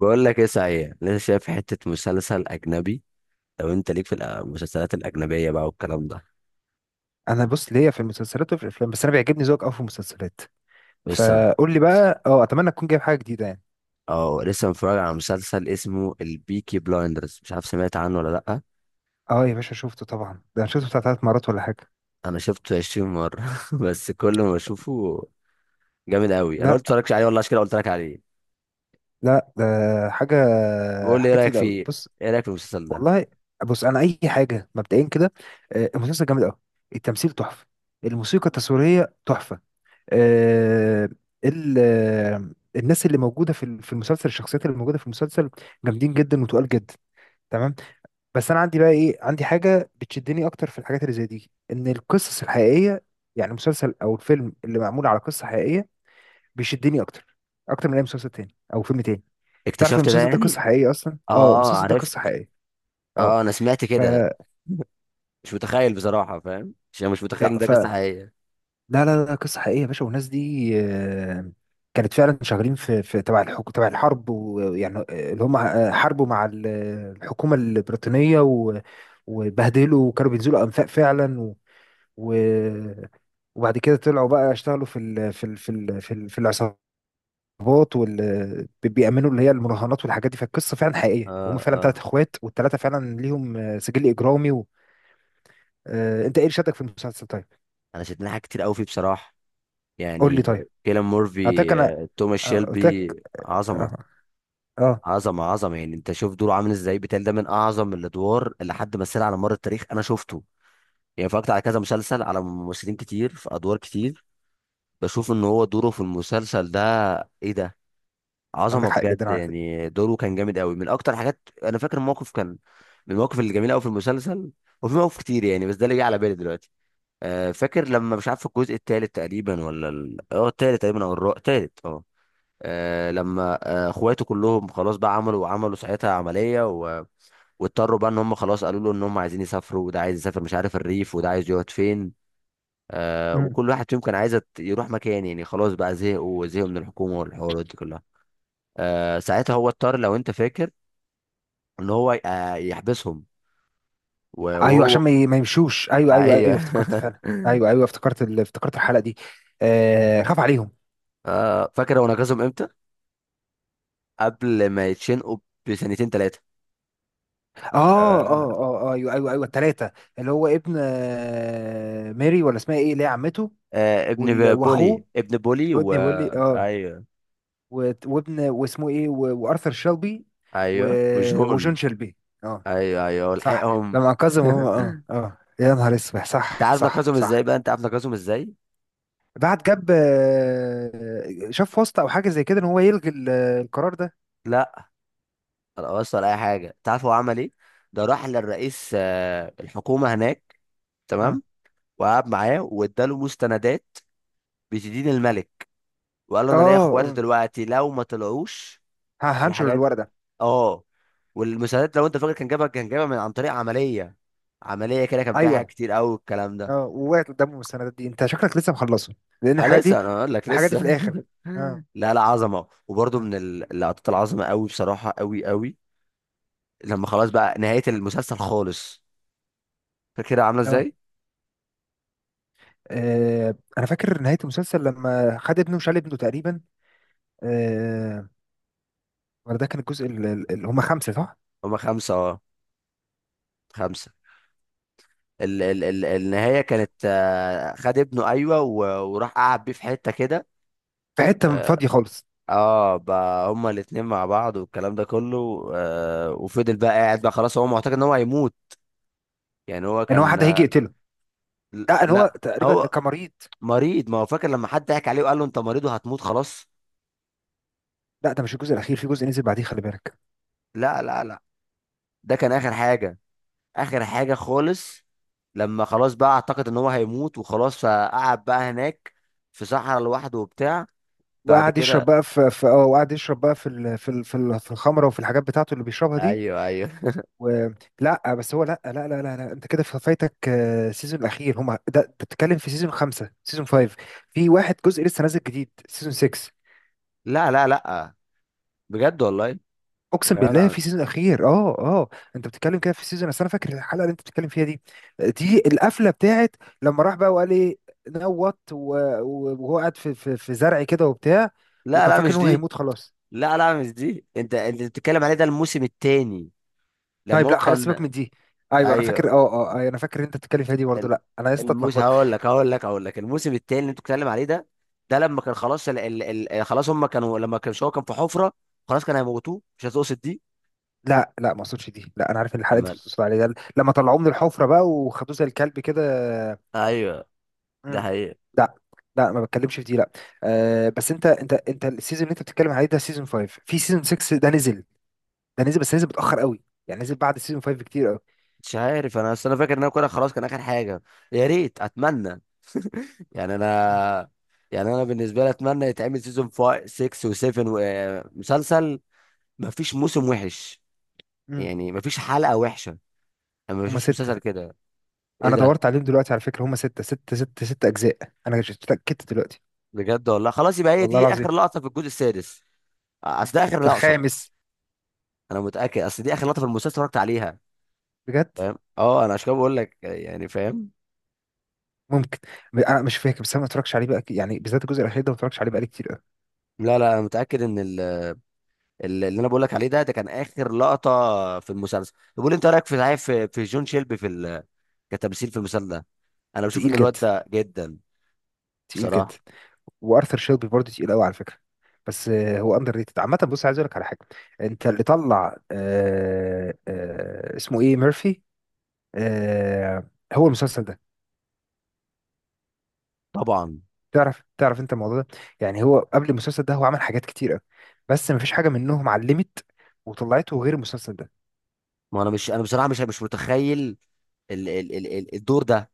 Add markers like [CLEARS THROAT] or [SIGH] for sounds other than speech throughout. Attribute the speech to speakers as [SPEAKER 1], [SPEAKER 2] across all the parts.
[SPEAKER 1] بقول لك ايه، صحيح لسه شايف حتة مسلسل أجنبي؟ لو أنت ليك في المسلسلات الأجنبية بقى والكلام ده.
[SPEAKER 2] انا بص ليا في المسلسلات وفي الافلام، بس انا بيعجبني ذوقك قوي في المسلسلات.
[SPEAKER 1] بس أنا
[SPEAKER 2] فقول لي بقى، اتمنى تكون جايب حاجه جديده يعني.
[SPEAKER 1] لسه متفرج على مسلسل اسمه البيكي بلايندرز، مش عارف سمعت عنه ولا لأ؟
[SPEAKER 2] اه، يا باشا شفته طبعا، ده انا شفته بتاع ثلاث مرات ولا حاجه.
[SPEAKER 1] أنا شفته 20 مرة [LAUGHS] بس كل ما أشوفه جامد أوي. أنا قلت
[SPEAKER 2] لا،
[SPEAKER 1] متفرجش عليه والله، عشان كده قلت لك عليه.
[SPEAKER 2] لا، ده حاجه
[SPEAKER 1] بقول لي إيه
[SPEAKER 2] حاجه
[SPEAKER 1] رأيك
[SPEAKER 2] تقيله قوي،
[SPEAKER 1] فيه؟
[SPEAKER 2] بص.
[SPEAKER 1] إيه رأيك في المسلسل ده؟
[SPEAKER 2] والله، بص انا اي حاجه مبدئيا كده. المسلسل جامد قوي. التمثيل تحفه. الموسيقى التصويريه تحفه. آه، ال آه، الناس اللي موجوده في المسلسل، الشخصيات اللي موجوده في المسلسل جامدين جدا وتقال جدا. تمام. بس انا عندي بقى ايه، عندي حاجه بتشدني اكتر في الحاجات اللي زي دي، ان القصص الحقيقيه. يعني مسلسل او الفيلم اللي معمول على قصه حقيقيه بيشدني اكتر، اكتر من اي مسلسل تاني او فيلم تاني. تعرف
[SPEAKER 1] اكتشفت ده
[SPEAKER 2] المسلسل ده قصه
[SPEAKER 1] يعني؟
[SPEAKER 2] حقيقيه اصلا؟ اه،
[SPEAKER 1] أه
[SPEAKER 2] المسلسل ده
[SPEAKER 1] عرفت.
[SPEAKER 2] قصه حقيقيه. اه،
[SPEAKER 1] أه أنا سمعت
[SPEAKER 2] ف
[SPEAKER 1] كده. [LAUGHS] مش متخيل بصراحة، فاهم؟ عشان مش متخيل إن
[SPEAKER 2] لا
[SPEAKER 1] ده
[SPEAKER 2] ف
[SPEAKER 1] قصة حقيقية.
[SPEAKER 2] لا، لا، لا، قصه حقيقيه يا باشا، والناس دي كانت فعلا شغالين في تبع الحكم، تبع الحرب، ويعني اللي هم حاربوا مع الحكومه البريطانيه، وبهدلوا، وكانوا بينزلوا انفاق فعلا و... وبعد كده طلعوا بقى يشتغلوا في العصابات، بيأمنوا اللي هي المراهنات والحاجات دي. فالقصة فعلا
[SPEAKER 1] أه
[SPEAKER 2] حقيقية، وهم فعلا ثلاث
[SPEAKER 1] أه.
[SPEAKER 2] اخوات، والثلاثة فعلا ليهم سجل إجرامي. انت ايه اللي شدك في المسلسل طيب؟
[SPEAKER 1] أنا شدني حاجات كتير أوي فيه بصراحة،
[SPEAKER 2] قول لي
[SPEAKER 1] يعني
[SPEAKER 2] طيب.
[SPEAKER 1] كيلان
[SPEAKER 2] اعتقد
[SPEAKER 1] مورفي،
[SPEAKER 2] انا،
[SPEAKER 1] توماس
[SPEAKER 2] قلت
[SPEAKER 1] شيلبي.
[SPEAKER 2] لك.
[SPEAKER 1] عظمه.
[SPEAKER 2] اه، اه.
[SPEAKER 1] عظمه يعني، انت شوف دوره عامل ازاي. بتهيألي ده من اعظم الادوار اللي حد مثلها على مر التاريخ. انا شفته يعني، اتفرجت على كذا مسلسل، على ممثلين كتير في ادوار كتير. بشوف ان هو دوره في المسلسل ده، ايه ده!
[SPEAKER 2] عندك
[SPEAKER 1] عظمه
[SPEAKER 2] حق
[SPEAKER 1] بجد،
[SPEAKER 2] جدا على فكرة.
[SPEAKER 1] يعني دوره كان جامد قوي. من اكتر حاجات، انا فاكر موقف كان من المواقف الجميله قوي في المسلسل. وفي مواقف كتير يعني، بس ده اللي جه على بالي دلوقتي. فاكر لما، مش عارف الجزء الثالث تقريبا ولا ال... اه الثالث تقريبا او الرابع. الثالث اه. آه لما آه اخواته كلهم خلاص بقى عملوا ساعتها عملية، واضطروا بقى ان هم خلاص، قالوا له ان هم عايزين يسافروا. وده عايز يسافر مش عارف الريف، وده عايز يقعد فين. آه
[SPEAKER 2] مم.
[SPEAKER 1] وكل واحد فيهم كان عايز يروح مكان. يعني خلاص بقى زهقوا من الحكومة والحوارات دي كلها. آه ساعتها هو اضطر، لو انت فاكر، ان هو يحبسهم
[SPEAKER 2] ايوه،
[SPEAKER 1] وهو.
[SPEAKER 2] عشان ما يمشوش، ايوه، ايوه، ايوه،
[SPEAKER 1] ايوه.
[SPEAKER 2] افتكرت فعلا،
[SPEAKER 1] [LAUGHS]
[SPEAKER 2] ايوه، ايوه، افتكرت الحلقة دي. آه، خاف عليهم.
[SPEAKER 1] آه، فاكر هو نقذهم امتى؟ قبل ما يتشنقوا بسنتين ثلاثة.
[SPEAKER 2] اه،
[SPEAKER 1] آه.
[SPEAKER 2] اه، اه، آه، ايوه، ايوه، ايوه، الثلاثة. اللي هو ابن ماري، ولا اسمها ايه اللي هي عمته.
[SPEAKER 1] آه ابن بولي،
[SPEAKER 2] واخوه
[SPEAKER 1] ابن بولي و
[SPEAKER 2] رودني بولي، اه.
[SPEAKER 1] ايوه
[SPEAKER 2] وابن واسمه ايه، وارثر شيلبي. و...
[SPEAKER 1] ايوه
[SPEAKER 2] وجون
[SPEAKER 1] وجون.
[SPEAKER 2] شيلبي، اه.
[SPEAKER 1] ايوه ايوه
[SPEAKER 2] صح.
[SPEAKER 1] ولحقهم.
[SPEAKER 2] لما انقذهم هم، اه،
[SPEAKER 1] [LAUGHS]
[SPEAKER 2] اه، يا نهار اسود،
[SPEAKER 1] انت
[SPEAKER 2] صح،
[SPEAKER 1] عارف
[SPEAKER 2] صح،
[SPEAKER 1] نقصهم ازاي
[SPEAKER 2] صح.
[SPEAKER 1] بقى، انت عارف نقصهم ازاي؟
[SPEAKER 2] بعد جاب شاف واسطة او حاجة زي كده، ان هو يلغي القرار ده.
[SPEAKER 1] لا ولا وصل اي حاجه. انت عارف هو عمل ايه؟ ده راح للرئيس، الحكومه هناك،
[SPEAKER 2] اه،
[SPEAKER 1] تمام. وقعد معاه واداله مستندات بتدين الملك. وقال له،
[SPEAKER 2] اه،
[SPEAKER 1] انا ليا اخواتي
[SPEAKER 2] آه.
[SPEAKER 1] دلوقتي، لو ما طلعوش
[SPEAKER 2] هنشر
[SPEAKER 1] الحاجات.
[SPEAKER 2] الورقة.
[SPEAKER 1] اه والمستندات، لو انت فاكر، كان جابها، كان جابها من عن طريق عمليه. عمليه كده كان فيها حاجات
[SPEAKER 2] ايوه،
[SPEAKER 1] كتير قوي الكلام
[SPEAKER 2] اه،
[SPEAKER 1] ده.
[SPEAKER 2] ووقعت قدامهم السندات دي. انت شكلك لسه مخلصه، لان
[SPEAKER 1] اه
[SPEAKER 2] الحاجات دي
[SPEAKER 1] لسه، انا اقول لك
[SPEAKER 2] الحاجات دي
[SPEAKER 1] لسه.
[SPEAKER 2] في
[SPEAKER 1] [LAUGHS]
[SPEAKER 2] الاخر، اه،
[SPEAKER 1] لا لا، عظمه. وبرده
[SPEAKER 2] اه،
[SPEAKER 1] من اللقطات العظمه قوي، بصراحه قوي قوي. لما خلاص بقى نهايه المسلسل خالص، فاكرها عامله
[SPEAKER 2] آه.
[SPEAKER 1] ازاي؟
[SPEAKER 2] انا فاكر نهايه المسلسل، لما خد ابنه وشال ابنه تقريبا. آه، ولا ده كان الجزء اللي هم خمسه، صح؟
[SPEAKER 1] هما خمسه اه، خمسه. ال النهايه كانت، خد ابنه، ايوه، وراح قعد بيه في حته كده.
[SPEAKER 2] في حته
[SPEAKER 1] اه،
[SPEAKER 2] فاضيه خالص.
[SPEAKER 1] بقى هما الاتنين مع بعض والكلام ده كله. آه، وفضل بقى قاعد بقى خلاص، هو معتقد ان هو هيموت. يعني هو
[SPEAKER 2] ان
[SPEAKER 1] كان،
[SPEAKER 2] واحد هيجي يقتله. لا، ان هو
[SPEAKER 1] لا
[SPEAKER 2] تقريبا
[SPEAKER 1] هو
[SPEAKER 2] كان مريض.
[SPEAKER 1] مريض. ما هو فاكر لما حد ضحك عليه وقال له انت مريض وهتموت خلاص.
[SPEAKER 2] لا، ده مش الجزء الاخير، في جزء نزل بعديه، خلي بالك.
[SPEAKER 1] لا لا لا، ده كان اخر حاجه، اخر حاجه خالص. لما خلاص بقى اعتقد ان هو هيموت وخلاص، فقعد بقى هناك في صحراء لوحده وبتاع. بعد كده.
[SPEAKER 2] وقعد يشرب بقى في الخمره وفي الحاجات بتاعته اللي بيشربها دي
[SPEAKER 1] ايوه ايوه.
[SPEAKER 2] و... لا بس هو، لا، لا، لا، لا, لا. انت كده فايتك سيزون الاخير هم ده. أنت بتتكلم في سيزون 5، سيزون فايف. في واحد جزء لسه نازل جديد، سيزون 6.
[SPEAKER 1] لا لا لا، بجد والله يا
[SPEAKER 2] اقسم بالله
[SPEAKER 1] جدع.
[SPEAKER 2] في سيزون اخير، اه، اه. انت بتتكلم كده في سيزون، اصل انا فاكر الحلقه اللي انت بتتكلم فيها دي، دي القفله بتاعت لما راح بقى وقال ايه، نوت وهو قاعد في زرع كده وبتاع،
[SPEAKER 1] لا
[SPEAKER 2] وكان
[SPEAKER 1] لا
[SPEAKER 2] فاكر
[SPEAKER 1] مش
[SPEAKER 2] ان هو
[SPEAKER 1] دي.
[SPEAKER 2] هيموت خلاص.
[SPEAKER 1] لا لا مش دي، انت بتتكلم عليه ده الموسم الثاني، لما
[SPEAKER 2] طيب،
[SPEAKER 1] هو
[SPEAKER 2] لا، خلاص سيبك
[SPEAKER 1] كان.
[SPEAKER 2] من دي. ايوه، انا فاكر، اه،
[SPEAKER 1] ايوه،
[SPEAKER 2] اه، أيوة، انا فاكر إن انت بتتكلم فيها دي برضه،
[SPEAKER 1] ال-
[SPEAKER 2] لا انا لسه
[SPEAKER 1] الموسم،
[SPEAKER 2] اتلخبطت.
[SPEAKER 1] هقول لك الموسم الثاني اللي انت بتتكلم عليه ده. ده لما كان خلاص، خلاص هم كانوا، لما كان هو كان في حفره، خلاص كان هيموتوه. مش هتقصد دي؟
[SPEAKER 2] لا، لا، ما اقصدش دي، لا، انا عارف ان الحلقه اللي انت بتقصد عليها ده لما طلعوه من الحفره بقى وخدوه زي الكلب كده.
[SPEAKER 1] ايوه. ده
[SPEAKER 2] مم.
[SPEAKER 1] حقيقة.
[SPEAKER 2] لا، لا، ما بتكلمش في دي، لا. بس انت السيزون اللي انت بتتكلم عليه ده سيزون 5، في سيزون 6 ده نزل. ده نزل، بس نزل متأخر قوي. يعني نزل بعد سيزون 5 بكتير قوي.
[SPEAKER 1] مش عارف، انا اصل انا فاكر ان انا كده خلاص كان اخر حاجه. يا ريت، اتمنى، يعني
[SPEAKER 2] مم.
[SPEAKER 1] انا، يعني انا بالنسبه لي اتمنى يتعمل سيزون 5، 6 و7 ومسلسل. ما فيش موسم وحش،
[SPEAKER 2] مم.
[SPEAKER 1] يعني ما فيش حلقه وحشه. انا ما
[SPEAKER 2] هما
[SPEAKER 1] بشوفش
[SPEAKER 2] 6.
[SPEAKER 1] مسلسل كده. ايه
[SPEAKER 2] أنا
[SPEAKER 1] ده!
[SPEAKER 2] دورت عليهم دلوقتي على فكرة، هما ستة، ستة، ستة، ستة أجزاء. أنا اتأكدت دلوقتي.
[SPEAKER 1] بجد والله، خلاص يبقى هي
[SPEAKER 2] والله
[SPEAKER 1] دي
[SPEAKER 2] العظيم.
[SPEAKER 1] اخر لقطه في الجزء السادس. اصل ده اخر
[SPEAKER 2] في
[SPEAKER 1] لقطه.
[SPEAKER 2] الخامس.
[SPEAKER 1] انا متاكد، اصل دي اخر لقطه في المسلسل اتفرجت عليها،
[SPEAKER 2] بجد.
[SPEAKER 1] فاهم؟ اه، انا عشان كده بقول لك، يعني فاهم.
[SPEAKER 2] ممكن، أنا مش فاكر، بس أنا ما اتفرجش عليه بقى، يعني بالذات الجزء الأخير ده، ما اتفرجش عليه بقالي كتير قوي.
[SPEAKER 1] لا لا، انا متاكد ان اللي انا بقول لك عليه ده، ده كان اخر لقطه في المسلسل. طب قول لي انت رايك في، صحيح، في في جون شيلبي في كتمثيل في المسلسل ده. انا بشوف
[SPEAKER 2] تقيل
[SPEAKER 1] ان الواد
[SPEAKER 2] جدا،
[SPEAKER 1] ده جدا
[SPEAKER 2] تقيل جدا.
[SPEAKER 1] بصراحه.
[SPEAKER 2] وارثر شيلبي برضه تقيل قوي، على فكره. بس هو اندر ريتد عامه، بص عايز اقول لك على حاجه. انت اللي طلع، اسمه ايه، ميرفي. آه، هو المسلسل ده.
[SPEAKER 1] طبعا.
[SPEAKER 2] تعرف انت الموضوع ده؟ يعني هو قبل المسلسل ده، هو عمل حاجات كتير قوي، بس مفيش حاجه منهم علمت وطلعته غير المسلسل ده.
[SPEAKER 1] ما انا مش، انا بصراحه مش متخيل الدور ده.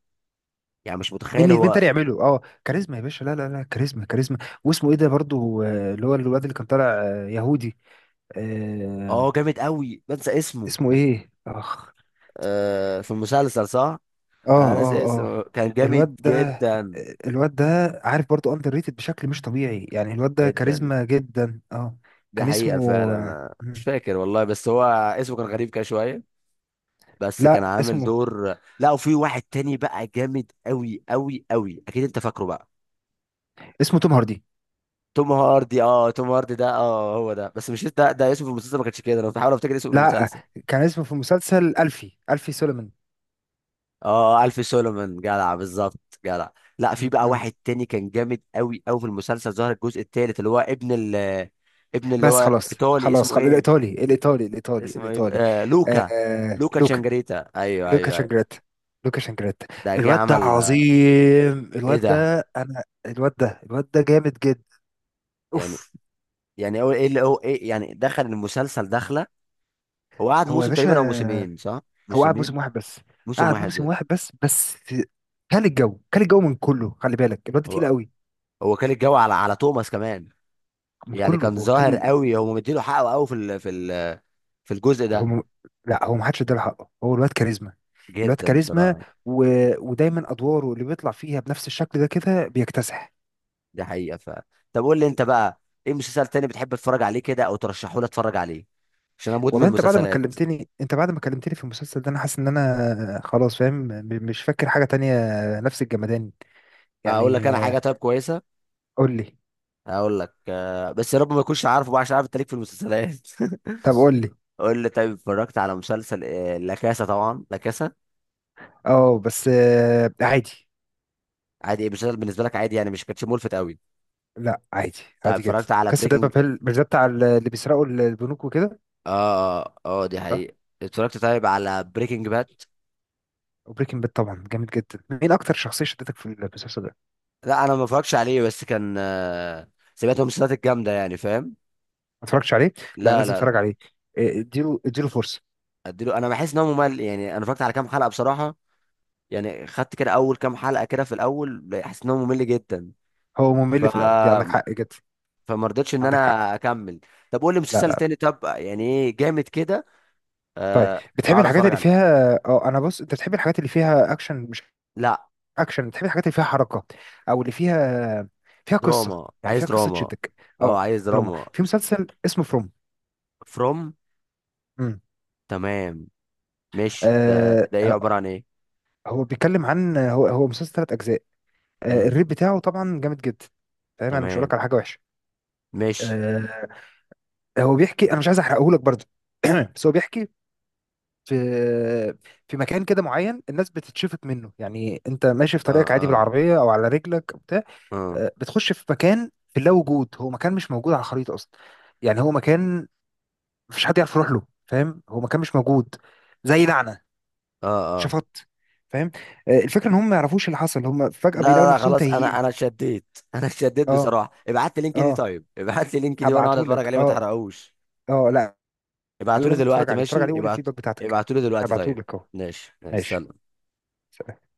[SPEAKER 1] يعني مش متخيل
[SPEAKER 2] مين
[SPEAKER 1] هو.
[SPEAKER 2] تاني يعمله؟ اه، كاريزما يا باشا، لا، لا، لا، كاريزما، كاريزما. واسمه ايه ده برضه، اللي هو الواد اللي كان طالع يهودي. آه،
[SPEAKER 1] اه جامد قوي، بنسى اسمه.
[SPEAKER 2] اسمه ايه، اخ.
[SPEAKER 1] آه، في المسلسل صح.
[SPEAKER 2] اه،
[SPEAKER 1] انا ناسي
[SPEAKER 2] اه،
[SPEAKER 1] اسمه،
[SPEAKER 2] اه.
[SPEAKER 1] كان جامد
[SPEAKER 2] الواد ده
[SPEAKER 1] جدا.
[SPEAKER 2] الواد ده عارف برضو اندر ريتد بشكل مش طبيعي، يعني الواد ده
[SPEAKER 1] جدا،
[SPEAKER 2] كاريزما جدا، اه.
[SPEAKER 1] ده
[SPEAKER 2] كان
[SPEAKER 1] حقيقه
[SPEAKER 2] اسمه
[SPEAKER 1] فعلا. أنا مش فاكر والله، بس هو اسمه كان غريب كده شويه. بس كان
[SPEAKER 2] لا،
[SPEAKER 1] عامل
[SPEAKER 2] اسمه
[SPEAKER 1] دور. لا، وفي واحد تاني بقى جامد قوي قوي قوي، اكيد انت فاكره بقى.
[SPEAKER 2] اسمه توم هاردي.
[SPEAKER 1] توم هاردي. اه توم هاردي ده، اه هو ده. بس مش ده، ده اسمه في المسلسل ما كانش كده. انا بحاول افتكر اسمه في
[SPEAKER 2] لا،
[SPEAKER 1] المسلسل.
[SPEAKER 2] كان اسمه في مسلسل ألفي سوليمان.
[SPEAKER 1] اه، الف سولومون، جدع بالظبط، جدع. لا، في
[SPEAKER 2] م-
[SPEAKER 1] بقى
[SPEAKER 2] م.
[SPEAKER 1] واحد تاني كان جامد قوي قوي في المسلسل، ظهر الجزء الثالث، اللي هو ابن ابن، اللي
[SPEAKER 2] بس
[SPEAKER 1] هو
[SPEAKER 2] خلاص،
[SPEAKER 1] ايطالي،
[SPEAKER 2] خلاص،
[SPEAKER 1] اسمه
[SPEAKER 2] خلاص،
[SPEAKER 1] ايه.
[SPEAKER 2] الإيطالي، الإيطالي، الإيطالي،
[SPEAKER 1] اسمه ايه،
[SPEAKER 2] الإيطالي.
[SPEAKER 1] آه لوكا.
[SPEAKER 2] آه،
[SPEAKER 1] لوكا
[SPEAKER 2] لوكا.
[SPEAKER 1] تشانجريتا، ايوه
[SPEAKER 2] لوكا
[SPEAKER 1] ايوه ايوه.
[SPEAKER 2] شانجريتا، لوكا شانجريتا.
[SPEAKER 1] ده جه
[SPEAKER 2] الواد ده
[SPEAKER 1] عمل،
[SPEAKER 2] عظيم،
[SPEAKER 1] ايه ده!
[SPEAKER 2] الواد ده جامد جدا.
[SPEAKER 1] يعني،
[SPEAKER 2] أوف.
[SPEAKER 1] يعني هو ايه اللي هو ايه. يعني دخل المسلسل دخله، هو قعد
[SPEAKER 2] هو يا
[SPEAKER 1] موسم
[SPEAKER 2] باشا،
[SPEAKER 1] تقريبا او موسمين صح.
[SPEAKER 2] هو قعد
[SPEAKER 1] موسمين،
[SPEAKER 2] موسم واحد بس.
[SPEAKER 1] موسم
[SPEAKER 2] قعد موسم
[SPEAKER 1] واحد.
[SPEAKER 2] واحد بس. كان الجو من كله، خلي بالك الواد
[SPEAKER 1] هو
[SPEAKER 2] تقيل قوي.
[SPEAKER 1] هو كان الجو على على توماس كمان.
[SPEAKER 2] من
[SPEAKER 1] يعني
[SPEAKER 2] كله
[SPEAKER 1] كان
[SPEAKER 2] هو
[SPEAKER 1] ظاهر
[SPEAKER 2] كان،
[SPEAKER 1] قوي، هو مديله حقه قوي في الجزء
[SPEAKER 2] هو
[SPEAKER 1] ده.
[SPEAKER 2] م... لا، هو ما حدش اداله حقه، هو الواد كاريزما. الواد
[SPEAKER 1] جدا
[SPEAKER 2] كاريزما
[SPEAKER 1] بصراحه.
[SPEAKER 2] و... ودايما ادواره اللي بيطلع فيها بنفس الشكل ده كده بيكتسح.
[SPEAKER 1] دي حقيقه. ف طب قول لي انت بقى، ايه مسلسل تاني بتحب تتفرج عليه كده، او ترشحه لي اتفرج عليه، عشان انا مدمن
[SPEAKER 2] والله انت بعد ما
[SPEAKER 1] مسلسلات.
[SPEAKER 2] كلمتني انت بعد ما كلمتني في المسلسل ده، انا حاسس ان انا خلاص فاهم، مش فاكر حاجة تانية. نفس الجمدان.
[SPEAKER 1] اقول لك
[SPEAKER 2] يعني
[SPEAKER 1] انا
[SPEAKER 2] آه،
[SPEAKER 1] حاجه طيب كويسه.
[SPEAKER 2] قول لي.
[SPEAKER 1] اقول لك، بس يا رب ما يكونش عارفه بقى، عشان عارف انت ليك في المسلسلات. [LAUGHS]
[SPEAKER 2] طب قول لي.
[SPEAKER 1] قول لي طيب، اتفرجت على مسلسل، لا كاسا؟ طبعا لا كاسا.
[SPEAKER 2] اه، بس عادي.
[SPEAKER 1] عادي. إيه، مسلسل بالنسبه لك عادي يعني، مش كانش ملفت قوي؟
[SPEAKER 2] لا، عادي.
[SPEAKER 1] طيب
[SPEAKER 2] عادي جدا.
[SPEAKER 1] اتفرجت على
[SPEAKER 2] كاسا ده
[SPEAKER 1] بريكنج؟
[SPEAKER 2] بابيل؟ مش ده بتاع اللي بيسرقوا البنوك وكده؟
[SPEAKER 1] اه اه اه، دي
[SPEAKER 2] صح.
[SPEAKER 1] حقيقة. اتفرجت طيب على بريكنج باد؟
[SPEAKER 2] وبريكنج باد طبعا جامد جدا، مين اكتر شخصيه شدتك في المسلسل ده؟ ما
[SPEAKER 1] لا، انا ما اتفرجش عليه، بس كان، سمعت من المسلسلات الجامدة يعني، فاهم.
[SPEAKER 2] اتفرجتش عليه؟ لا،
[SPEAKER 1] لا
[SPEAKER 2] لازم
[SPEAKER 1] لا لا.
[SPEAKER 2] اتفرج عليه. إيه، اديله فرصه.
[SPEAKER 1] اديله. انا بحس ان هو ممل، يعني انا اتفرجت على كام حلقة بصراحة. يعني خدت كده اول كام حلقة كده، في الاول حسيت ان هو ممل جدا.
[SPEAKER 2] هو
[SPEAKER 1] ف
[SPEAKER 2] ممل في الاول، دي عندك حق جدا.
[SPEAKER 1] فما رضيتش ان
[SPEAKER 2] عندك حق.
[SPEAKER 1] انا اكمل. طب قول لي
[SPEAKER 2] لا، لا،
[SPEAKER 1] مسلسل
[SPEAKER 2] لا.
[SPEAKER 1] تاني طب، يعني ايه جامد كده؟
[SPEAKER 2] طيب.
[SPEAKER 1] آه،
[SPEAKER 2] بتحب
[SPEAKER 1] اقعد
[SPEAKER 2] الحاجات
[SPEAKER 1] اتفرج
[SPEAKER 2] اللي
[SPEAKER 1] عليه.
[SPEAKER 2] فيها، انا بص، انت بتحب الحاجات اللي فيها اكشن، مش
[SPEAKER 1] لا
[SPEAKER 2] اكشن، بتحب الحاجات اللي فيها حركه، او اللي فيها فيها قصه،
[SPEAKER 1] دراما،
[SPEAKER 2] يعني
[SPEAKER 1] عايز
[SPEAKER 2] فيها قصه
[SPEAKER 1] دراما.
[SPEAKER 2] تشدك.
[SPEAKER 1] اه
[SPEAKER 2] اه.
[SPEAKER 1] عايز
[SPEAKER 2] دراما؟
[SPEAKER 1] دراما.
[SPEAKER 2] في مسلسل اسمه فروم.
[SPEAKER 1] فروم. تمام. مش ده، ده ايه،
[SPEAKER 2] امم
[SPEAKER 1] عبارة عن ايه؟
[SPEAKER 2] هو بيتكلم عن هو مسلسل ثلاث اجزاء.
[SPEAKER 1] امم
[SPEAKER 2] الريت بتاعه طبعا جامد جدا. فاهم، انا مش هقول
[SPEAKER 1] تمام.
[SPEAKER 2] لك على حاجه وحشه.
[SPEAKER 1] مش
[SPEAKER 2] آه، هو بيحكي انا مش عايز احرقه لك برضه. [CLEARS THROAT] بس هو بيحكي، في في مكان كده معين، الناس بتتشفط منه، يعني انت ماشي في
[SPEAKER 1] اه
[SPEAKER 2] طريقك عادي
[SPEAKER 1] اه
[SPEAKER 2] بالعربيه او على رجلك أو بتاع،
[SPEAKER 1] اه
[SPEAKER 2] بتخش في مكان في اللا وجود، هو مكان مش موجود على الخريطه اصلا. يعني هو مكان مفيش حد يعرف يروح له، فاهم، هو مكان مش موجود، زي لعنه،
[SPEAKER 1] اه اه،
[SPEAKER 2] شفط، فاهم. الفكره ان هم ما يعرفوش اللي حصل، هم فجاه
[SPEAKER 1] لا
[SPEAKER 2] بيلاقوا
[SPEAKER 1] لا لا
[SPEAKER 2] نفسهم
[SPEAKER 1] خلاص. انا
[SPEAKER 2] تايهين.
[SPEAKER 1] انا شديت. [LAUGHS] انا شديت
[SPEAKER 2] اه،
[SPEAKER 1] بصراحة، ابعت لي لينك دي
[SPEAKER 2] اه،
[SPEAKER 1] طيب، ابعت لي لينك دي وانا اقعد اتفرج
[SPEAKER 2] هبعتهولك،
[SPEAKER 1] عليه، ما
[SPEAKER 2] اه،
[SPEAKER 1] تحرقوش.
[SPEAKER 2] اه، لا،
[SPEAKER 1] ابعتوا لي
[SPEAKER 2] لازم تتفرج
[SPEAKER 1] دلوقتي،
[SPEAKER 2] عليه، اتفرج عليه
[SPEAKER 1] ماشي
[SPEAKER 2] وقول
[SPEAKER 1] ابعت.
[SPEAKER 2] الفيدباك بتاعتك.
[SPEAKER 1] ابعتوا لي دلوقتي طيب.
[SPEAKER 2] هبعتهولك اهو.
[SPEAKER 1] ماشي ماشي.
[SPEAKER 2] ماشي،
[SPEAKER 1] سلام.
[SPEAKER 2] سلام.